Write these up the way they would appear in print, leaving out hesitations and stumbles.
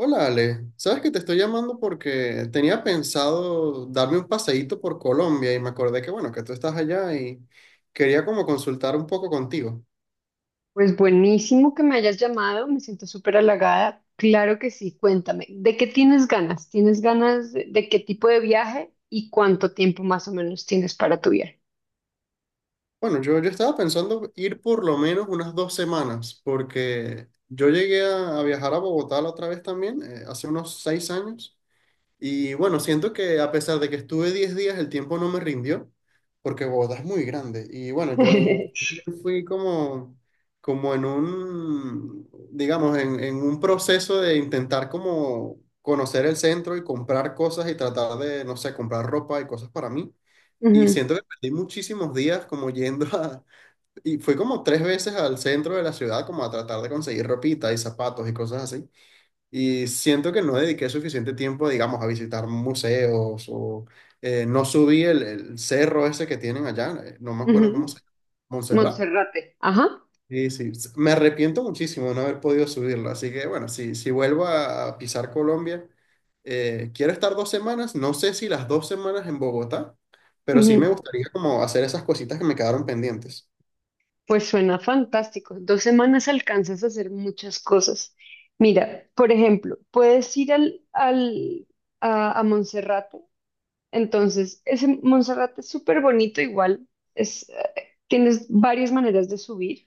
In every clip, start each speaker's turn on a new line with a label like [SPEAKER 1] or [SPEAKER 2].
[SPEAKER 1] Hola Ale, sabes que te estoy llamando porque tenía pensado darme un paseíto por Colombia y me acordé que bueno, que tú estás allá y quería como consultar un poco contigo.
[SPEAKER 2] Pues buenísimo que me hayas llamado, me siento súper halagada. Claro que sí, cuéntame, ¿de qué tienes ganas? ¿Tienes ganas de, qué tipo de viaje y cuánto tiempo más o menos tienes para tu viaje?
[SPEAKER 1] Bueno, yo estaba pensando ir por lo menos unas 2 semanas porque yo llegué a viajar a Bogotá la otra vez también, hace unos 6 años. Y bueno, siento que a pesar de que estuve 10 días, el tiempo no me rindió, porque Bogotá es muy grande. Y bueno, yo fui como, como en un, digamos, en un proceso de intentar como conocer el centro y comprar cosas y tratar de, no sé, comprar ropa y cosas para mí. Y
[SPEAKER 2] Ujú,
[SPEAKER 1] siento que perdí muchísimos días como yendo a... Y fui como tres veces al centro de la ciudad como a tratar de conseguir ropita y zapatos y cosas así. Y siento que no dediqué suficiente tiempo, digamos, a visitar museos o no subí el cerro ese que tienen allá, no me acuerdo cómo
[SPEAKER 2] ujú.
[SPEAKER 1] se llama, Montserrat.
[SPEAKER 2] Monserrate, ajá.
[SPEAKER 1] Y sí, me arrepiento muchísimo de no haber podido subirlo, así que bueno, si, si vuelvo a pisar Colombia, quiero estar 2 semanas, no sé si las 2 semanas en Bogotá, pero sí me
[SPEAKER 2] Ujú.
[SPEAKER 1] gustaría como hacer esas cositas que me quedaron pendientes.
[SPEAKER 2] Pues suena fantástico. Dos semanas alcanzas a hacer muchas cosas. Mira, por ejemplo, puedes ir a Monserrate. Entonces, ese Monserrate es súper bonito, igual es, tienes varias maneras de subir.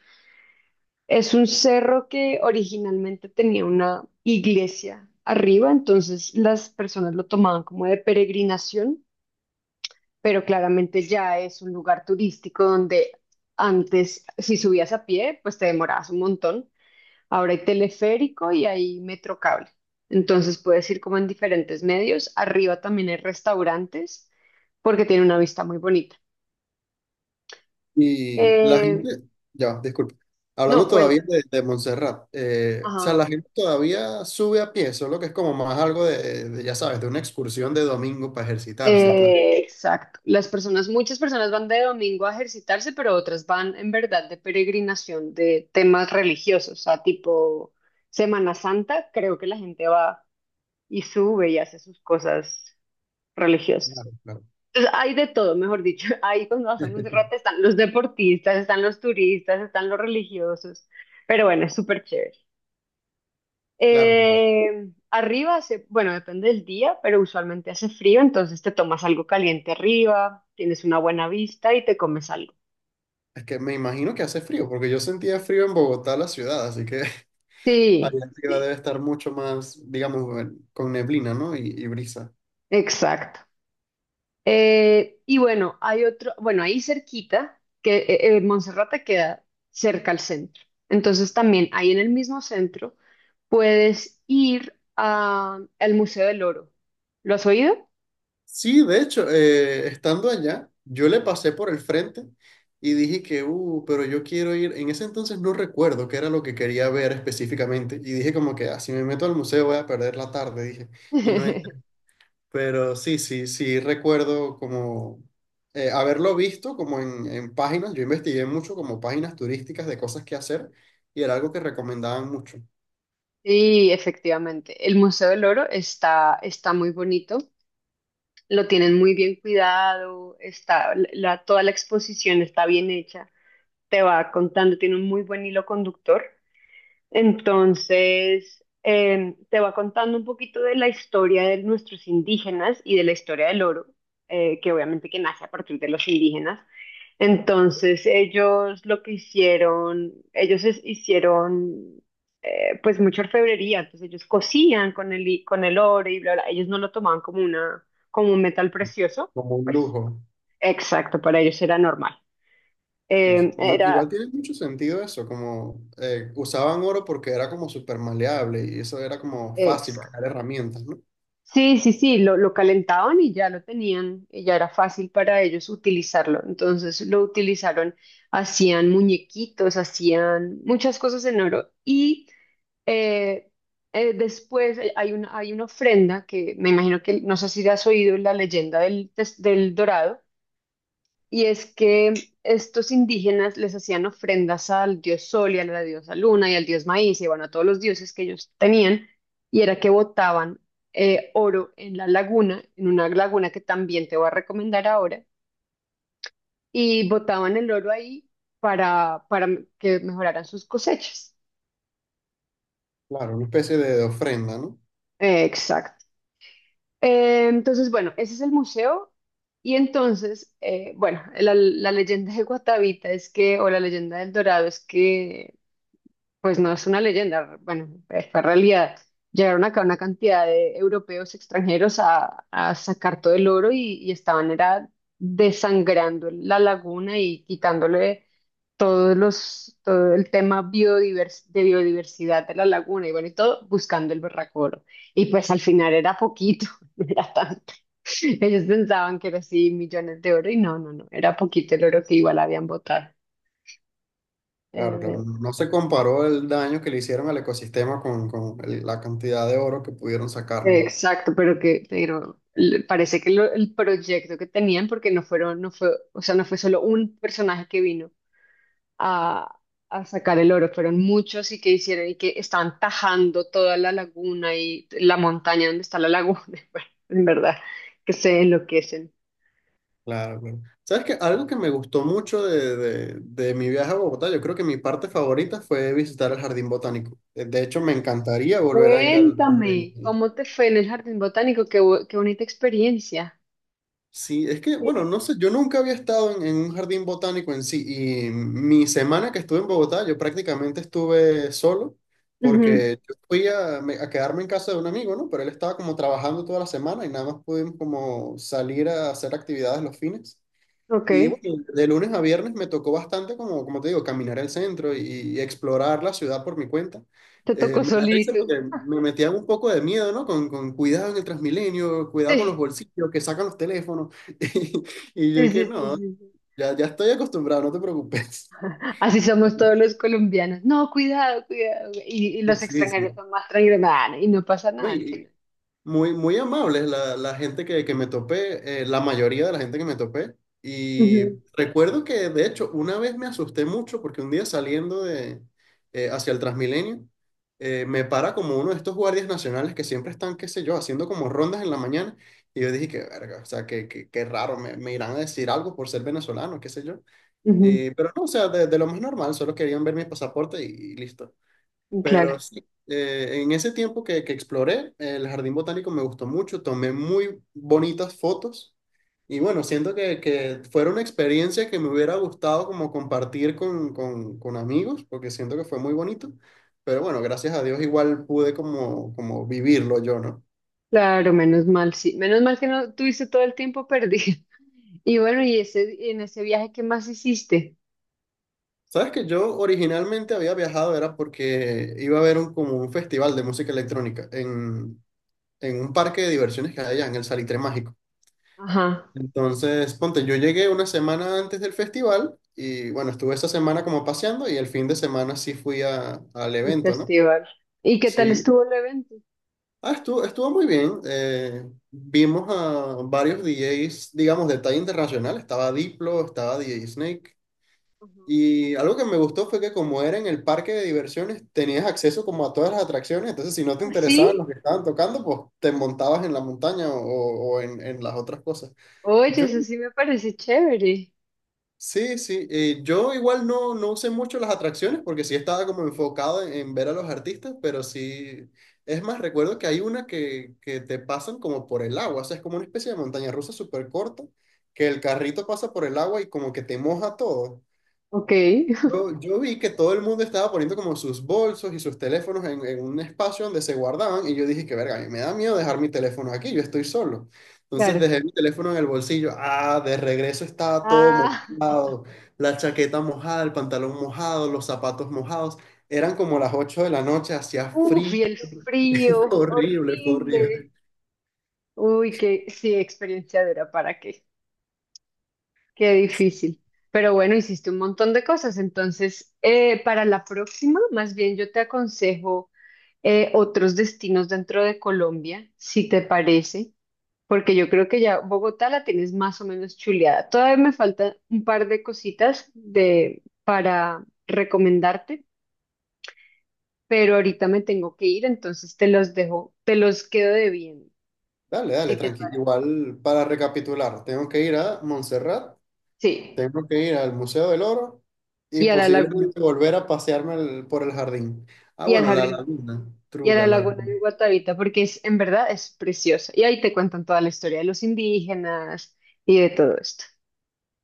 [SPEAKER 2] Es un cerro que originalmente tenía una iglesia arriba, entonces las personas lo tomaban como de peregrinación, pero claramente ya es un lugar turístico donde antes, si subías a pie, pues te demorabas un montón. Ahora hay teleférico y hay metro cable. Entonces puedes ir como en diferentes medios. Arriba también hay restaurantes porque tiene una vista muy bonita.
[SPEAKER 1] Y la
[SPEAKER 2] Eh,
[SPEAKER 1] gente, ya, disculpe,
[SPEAKER 2] no,
[SPEAKER 1] hablando todavía
[SPEAKER 2] cuéntame.
[SPEAKER 1] de Montserrat, o sea,
[SPEAKER 2] Ajá.
[SPEAKER 1] la gente todavía sube a pie, solo que es como más algo de, ya sabes, de una excursión de domingo para ejercitarse y tal.
[SPEAKER 2] Exacto. Las personas, muchas personas van de domingo a ejercitarse, pero otras van en verdad de peregrinación de temas religiosos, o sea, tipo Semana Santa, creo que la gente va y sube y hace sus cosas religiosas.
[SPEAKER 1] Claro,
[SPEAKER 2] Entonces, hay de todo, mejor dicho. Ahí cuando vas a Monserrate están los deportistas, están los turistas, están los religiosos. Pero bueno, es súper chévere.
[SPEAKER 1] claro, claro.
[SPEAKER 2] Arriba hace, bueno, depende del día, pero usualmente hace frío, entonces te tomas algo caliente arriba, tienes una buena vista y te comes algo.
[SPEAKER 1] Es que me imagino que hace frío, porque yo sentía frío en Bogotá, la ciudad, así que allá
[SPEAKER 2] Sí,
[SPEAKER 1] arriba
[SPEAKER 2] sí,
[SPEAKER 1] debe estar mucho más, digamos, bueno, con neblina, ¿no? Y brisa.
[SPEAKER 2] exacto. Y bueno, hay otro, bueno, ahí cerquita, que Monserrate queda cerca al centro. Entonces también ahí en el mismo centro puedes ir al Museo del Oro. ¿Lo has oído?
[SPEAKER 1] Sí, de hecho, estando allá, yo le pasé por el frente y dije que, pero yo quiero ir. En ese entonces no recuerdo qué era lo que quería ver específicamente. Y dije como que, ah, si me meto al museo voy a perder la tarde, dije. Y no entré. Pero sí, sí, sí, recuerdo como haberlo visto como en páginas. Yo investigué mucho como páginas turísticas de cosas que hacer y era algo que recomendaban mucho,
[SPEAKER 2] Sí, efectivamente. El Museo del Oro está, está muy bonito. Lo tienen muy bien cuidado. Está, la, toda la exposición está bien hecha. Te va contando, tiene un muy buen hilo conductor. Entonces, te va contando un poquito de la historia de nuestros indígenas y de la historia del oro, que obviamente que nace a partir de los indígenas. Entonces, ellos lo que hicieron, hicieron pues mucha orfebrería, entonces ellos cosían con con el oro y bla, bla, ellos no lo tomaban como una, como un metal precioso,
[SPEAKER 1] como un
[SPEAKER 2] pues
[SPEAKER 1] lujo.
[SPEAKER 2] exacto, para ellos era normal.
[SPEAKER 1] Sí,
[SPEAKER 2] Em,
[SPEAKER 1] sí. Igual,
[SPEAKER 2] era
[SPEAKER 1] igual tiene mucho sentido eso, como usaban oro porque era como súper maleable y eso era como fácil
[SPEAKER 2] exacto.
[SPEAKER 1] crear herramientas, ¿no?
[SPEAKER 2] Sí, sí, sí, lo calentaban y ya lo tenían, y ya era fácil para ellos utilizarlo. Entonces lo utilizaron, hacían muñequitos, hacían muchas cosas en oro. Y eh, después hay una, hay una ofrenda que me imagino que, no sé si has oído la leyenda del Dorado. Y es que estos indígenas les hacían ofrendas al dios Sol y a la diosa Luna y al dios Maíz y bueno, a todos los dioses que ellos tenían, y era que botaban oro en la laguna, en una laguna que también te voy a recomendar ahora, y botaban el oro ahí para que mejoraran sus cosechas.
[SPEAKER 1] Claro, una especie de ofrenda, ¿no?
[SPEAKER 2] Exacto. Entonces, bueno, ese es el museo. Y entonces, bueno, la leyenda de Guatavita es que, o la leyenda del Dorado es que pues no es una leyenda, bueno, fue realidad. Llegaron acá una cantidad de europeos extranjeros a sacar todo el oro y estaban era desangrando la laguna y quitándole todos los, todo el tema de biodiversidad de la laguna y bueno, y todo buscando el berraco oro. Y pues al final era poquito, no era tanto. Ellos pensaban que era así millones de oro y no, no, no, era poquito el oro que igual habían botado.
[SPEAKER 1] Claro,
[SPEAKER 2] Eh,
[SPEAKER 1] claro, no no se comparó el daño que le hicieron al ecosistema con la cantidad de oro que pudieron sacar, ¿no?
[SPEAKER 2] Exacto, pero que, parece que el proyecto que tenían, porque no fueron, no fue, o sea, no fue solo un personaje que vino a, a sacar el oro, fueron muchos y que hicieron y que estaban tajando toda la laguna y la montaña donde está la laguna, bueno, en verdad, que se enloquecen.
[SPEAKER 1] Claro, claro. ¿Sabes qué? Algo que me gustó mucho de, de mi viaje a Bogotá, yo creo que mi parte favorita fue visitar el Jardín Botánico. De hecho, me encantaría volver a ir al Jardín
[SPEAKER 2] Cuéntame,
[SPEAKER 1] Botánico.
[SPEAKER 2] ¿cómo te fue en el jardín botánico? Qué, qué bonita experiencia.
[SPEAKER 1] Sí, es que, bueno,
[SPEAKER 2] Sí.
[SPEAKER 1] no sé, yo nunca había estado en un jardín botánico en sí y mi semana que estuve en Bogotá, yo prácticamente estuve solo
[SPEAKER 2] Ujú,
[SPEAKER 1] porque yo fui a, a quedarme en casa de un amigo, ¿no? Pero él estaba como trabajando toda la semana y nada más pudimos como salir a hacer actividades los fines.
[SPEAKER 2] ok,
[SPEAKER 1] Y bueno, de lunes a viernes me tocó bastante, como, como te digo, caminar el centro y explorar la ciudad por mi cuenta.
[SPEAKER 2] te tocó
[SPEAKER 1] Me da risa porque
[SPEAKER 2] solito.
[SPEAKER 1] me metían un poco de miedo, ¿no? Con cuidado en el Transmilenio, cuidado con los
[SPEAKER 2] Sí,
[SPEAKER 1] bolsillos, que sacan los teléfonos. Y, y yo
[SPEAKER 2] sí,
[SPEAKER 1] dije,
[SPEAKER 2] sí, sí,
[SPEAKER 1] no,
[SPEAKER 2] sí.
[SPEAKER 1] ya, ya estoy acostumbrado, no te preocupes.
[SPEAKER 2] Así somos todos los colombianos. No, cuidado, cuidado. Y los
[SPEAKER 1] Sí,
[SPEAKER 2] extranjeros
[SPEAKER 1] sí.
[SPEAKER 2] son más tranquilos. Nah, y no pasa
[SPEAKER 1] No,
[SPEAKER 2] nada al
[SPEAKER 1] y,
[SPEAKER 2] final.
[SPEAKER 1] Muy, muy amables la, la gente que me topé, la mayoría de la gente que me topé. Y
[SPEAKER 2] Ujú,
[SPEAKER 1] recuerdo que, de hecho, una vez me asusté mucho porque un día saliendo de, hacia el Transmilenio, me para como uno de estos guardias nacionales que siempre están, qué sé yo, haciendo como rondas en la mañana. Y yo dije, qué verga, o sea, qué, qué, qué raro, me irán a decir algo por ser venezolano, qué sé yo.
[SPEAKER 2] ujú,
[SPEAKER 1] Pero no, o sea, de lo más normal, solo querían ver mi pasaporte y listo. Pero
[SPEAKER 2] claro,
[SPEAKER 1] sí, en ese tiempo que exploré, el jardín botánico me gustó mucho, tomé muy bonitas fotos y bueno, siento que fuera una experiencia que me hubiera gustado como compartir con amigos, porque siento que fue muy bonito, pero bueno, gracias a Dios igual pude como, como vivirlo yo, ¿no?
[SPEAKER 2] claro, menos mal, sí. Menos mal que no tuviste todo el tiempo perdido. Y bueno, y ese, y en ese viaje, ¿qué más hiciste?
[SPEAKER 1] Sabes que yo originalmente había viajado era porque iba a ver un, como un festival de música electrónica en un parque de diversiones que hay allá en el Salitre Mágico.
[SPEAKER 2] Ajá,
[SPEAKER 1] Entonces, ponte, yo llegué una semana antes del festival y bueno, estuve esa semana como paseando y el fin de semana sí fui al
[SPEAKER 2] el
[SPEAKER 1] evento, ¿no?
[SPEAKER 2] festival. ¿Y qué tal
[SPEAKER 1] Sí,
[SPEAKER 2] estuvo el evento?
[SPEAKER 1] ah, estuvo, estuvo muy bien. Vimos a varios DJs, digamos, de talla internacional. Estaba Diplo, estaba DJ Snake.
[SPEAKER 2] Ajá.
[SPEAKER 1] Y algo que me gustó fue que como era en el parque de diversiones, tenías acceso como a todas las atracciones. Entonces, si no te
[SPEAKER 2] ¿Ah,
[SPEAKER 1] interesaban
[SPEAKER 2] sí?
[SPEAKER 1] los que estaban tocando, pues te montabas en la montaña o en las otras cosas.
[SPEAKER 2] Oye,
[SPEAKER 1] Yo
[SPEAKER 2] eso sí me parece chévere.
[SPEAKER 1] sí, sí, yo igual no, no usé mucho las atracciones porque sí estaba como enfocado en ver a los artistas, pero sí, es más, recuerdo que hay una que te pasan como por el agua, o sea, es como una especie de montaña rusa súper corta, que el carrito pasa por el agua y como que te moja todo.
[SPEAKER 2] Ok,
[SPEAKER 1] Yo vi que todo el mundo estaba poniendo como sus bolsos y sus teléfonos en un espacio donde se guardaban y yo dije que verga, a mí me da miedo dejar mi teléfono aquí, yo estoy solo. Entonces
[SPEAKER 2] claro.
[SPEAKER 1] dejé mi teléfono en el bolsillo, ah, de regreso estaba todo
[SPEAKER 2] Ah,
[SPEAKER 1] mojado, la chaqueta mojada, el pantalón mojado, los zapatos mojados. Eran como las 8 de la noche, hacía
[SPEAKER 2] uff, y
[SPEAKER 1] frío,
[SPEAKER 2] el
[SPEAKER 1] fue
[SPEAKER 2] frío,
[SPEAKER 1] horrible, fue
[SPEAKER 2] horrible.
[SPEAKER 1] horrible.
[SPEAKER 2] Uy, qué sí, experienciadora, ¿para qué? Qué difícil. Pero bueno, hiciste un montón de cosas. Entonces, para la próxima, más bien yo te aconsejo otros destinos dentro de Colombia, si te parece, porque yo creo que ya Bogotá la tienes más o menos chuleada. Todavía me faltan un par de cositas de, para recomendarte, pero ahorita me tengo que ir, entonces te los dejo, te los quedo debiendo,
[SPEAKER 1] Dale, dale,
[SPEAKER 2] si te
[SPEAKER 1] tranqui.
[SPEAKER 2] parece.
[SPEAKER 1] Igual para recapitular, tengo que ir a Montserrat.
[SPEAKER 2] Sí,
[SPEAKER 1] Tengo que ir al Museo del Oro y
[SPEAKER 2] y a la laguna
[SPEAKER 1] posiblemente volver a pasearme por el jardín. Ah,
[SPEAKER 2] y al
[SPEAKER 1] bueno, la
[SPEAKER 2] jardín.
[SPEAKER 1] laguna.
[SPEAKER 2] Y a
[SPEAKER 1] True,
[SPEAKER 2] la
[SPEAKER 1] la
[SPEAKER 2] laguna de
[SPEAKER 1] laguna.
[SPEAKER 2] Guatavita, porque es, en verdad es preciosa. Y ahí te cuentan toda la historia de los indígenas y de todo esto.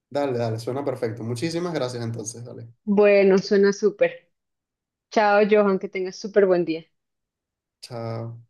[SPEAKER 1] Dale, dale, suena perfecto. Muchísimas gracias entonces, dale.
[SPEAKER 2] Bueno, suena súper. Chao, Johan, que tengas súper buen día.
[SPEAKER 1] Chao.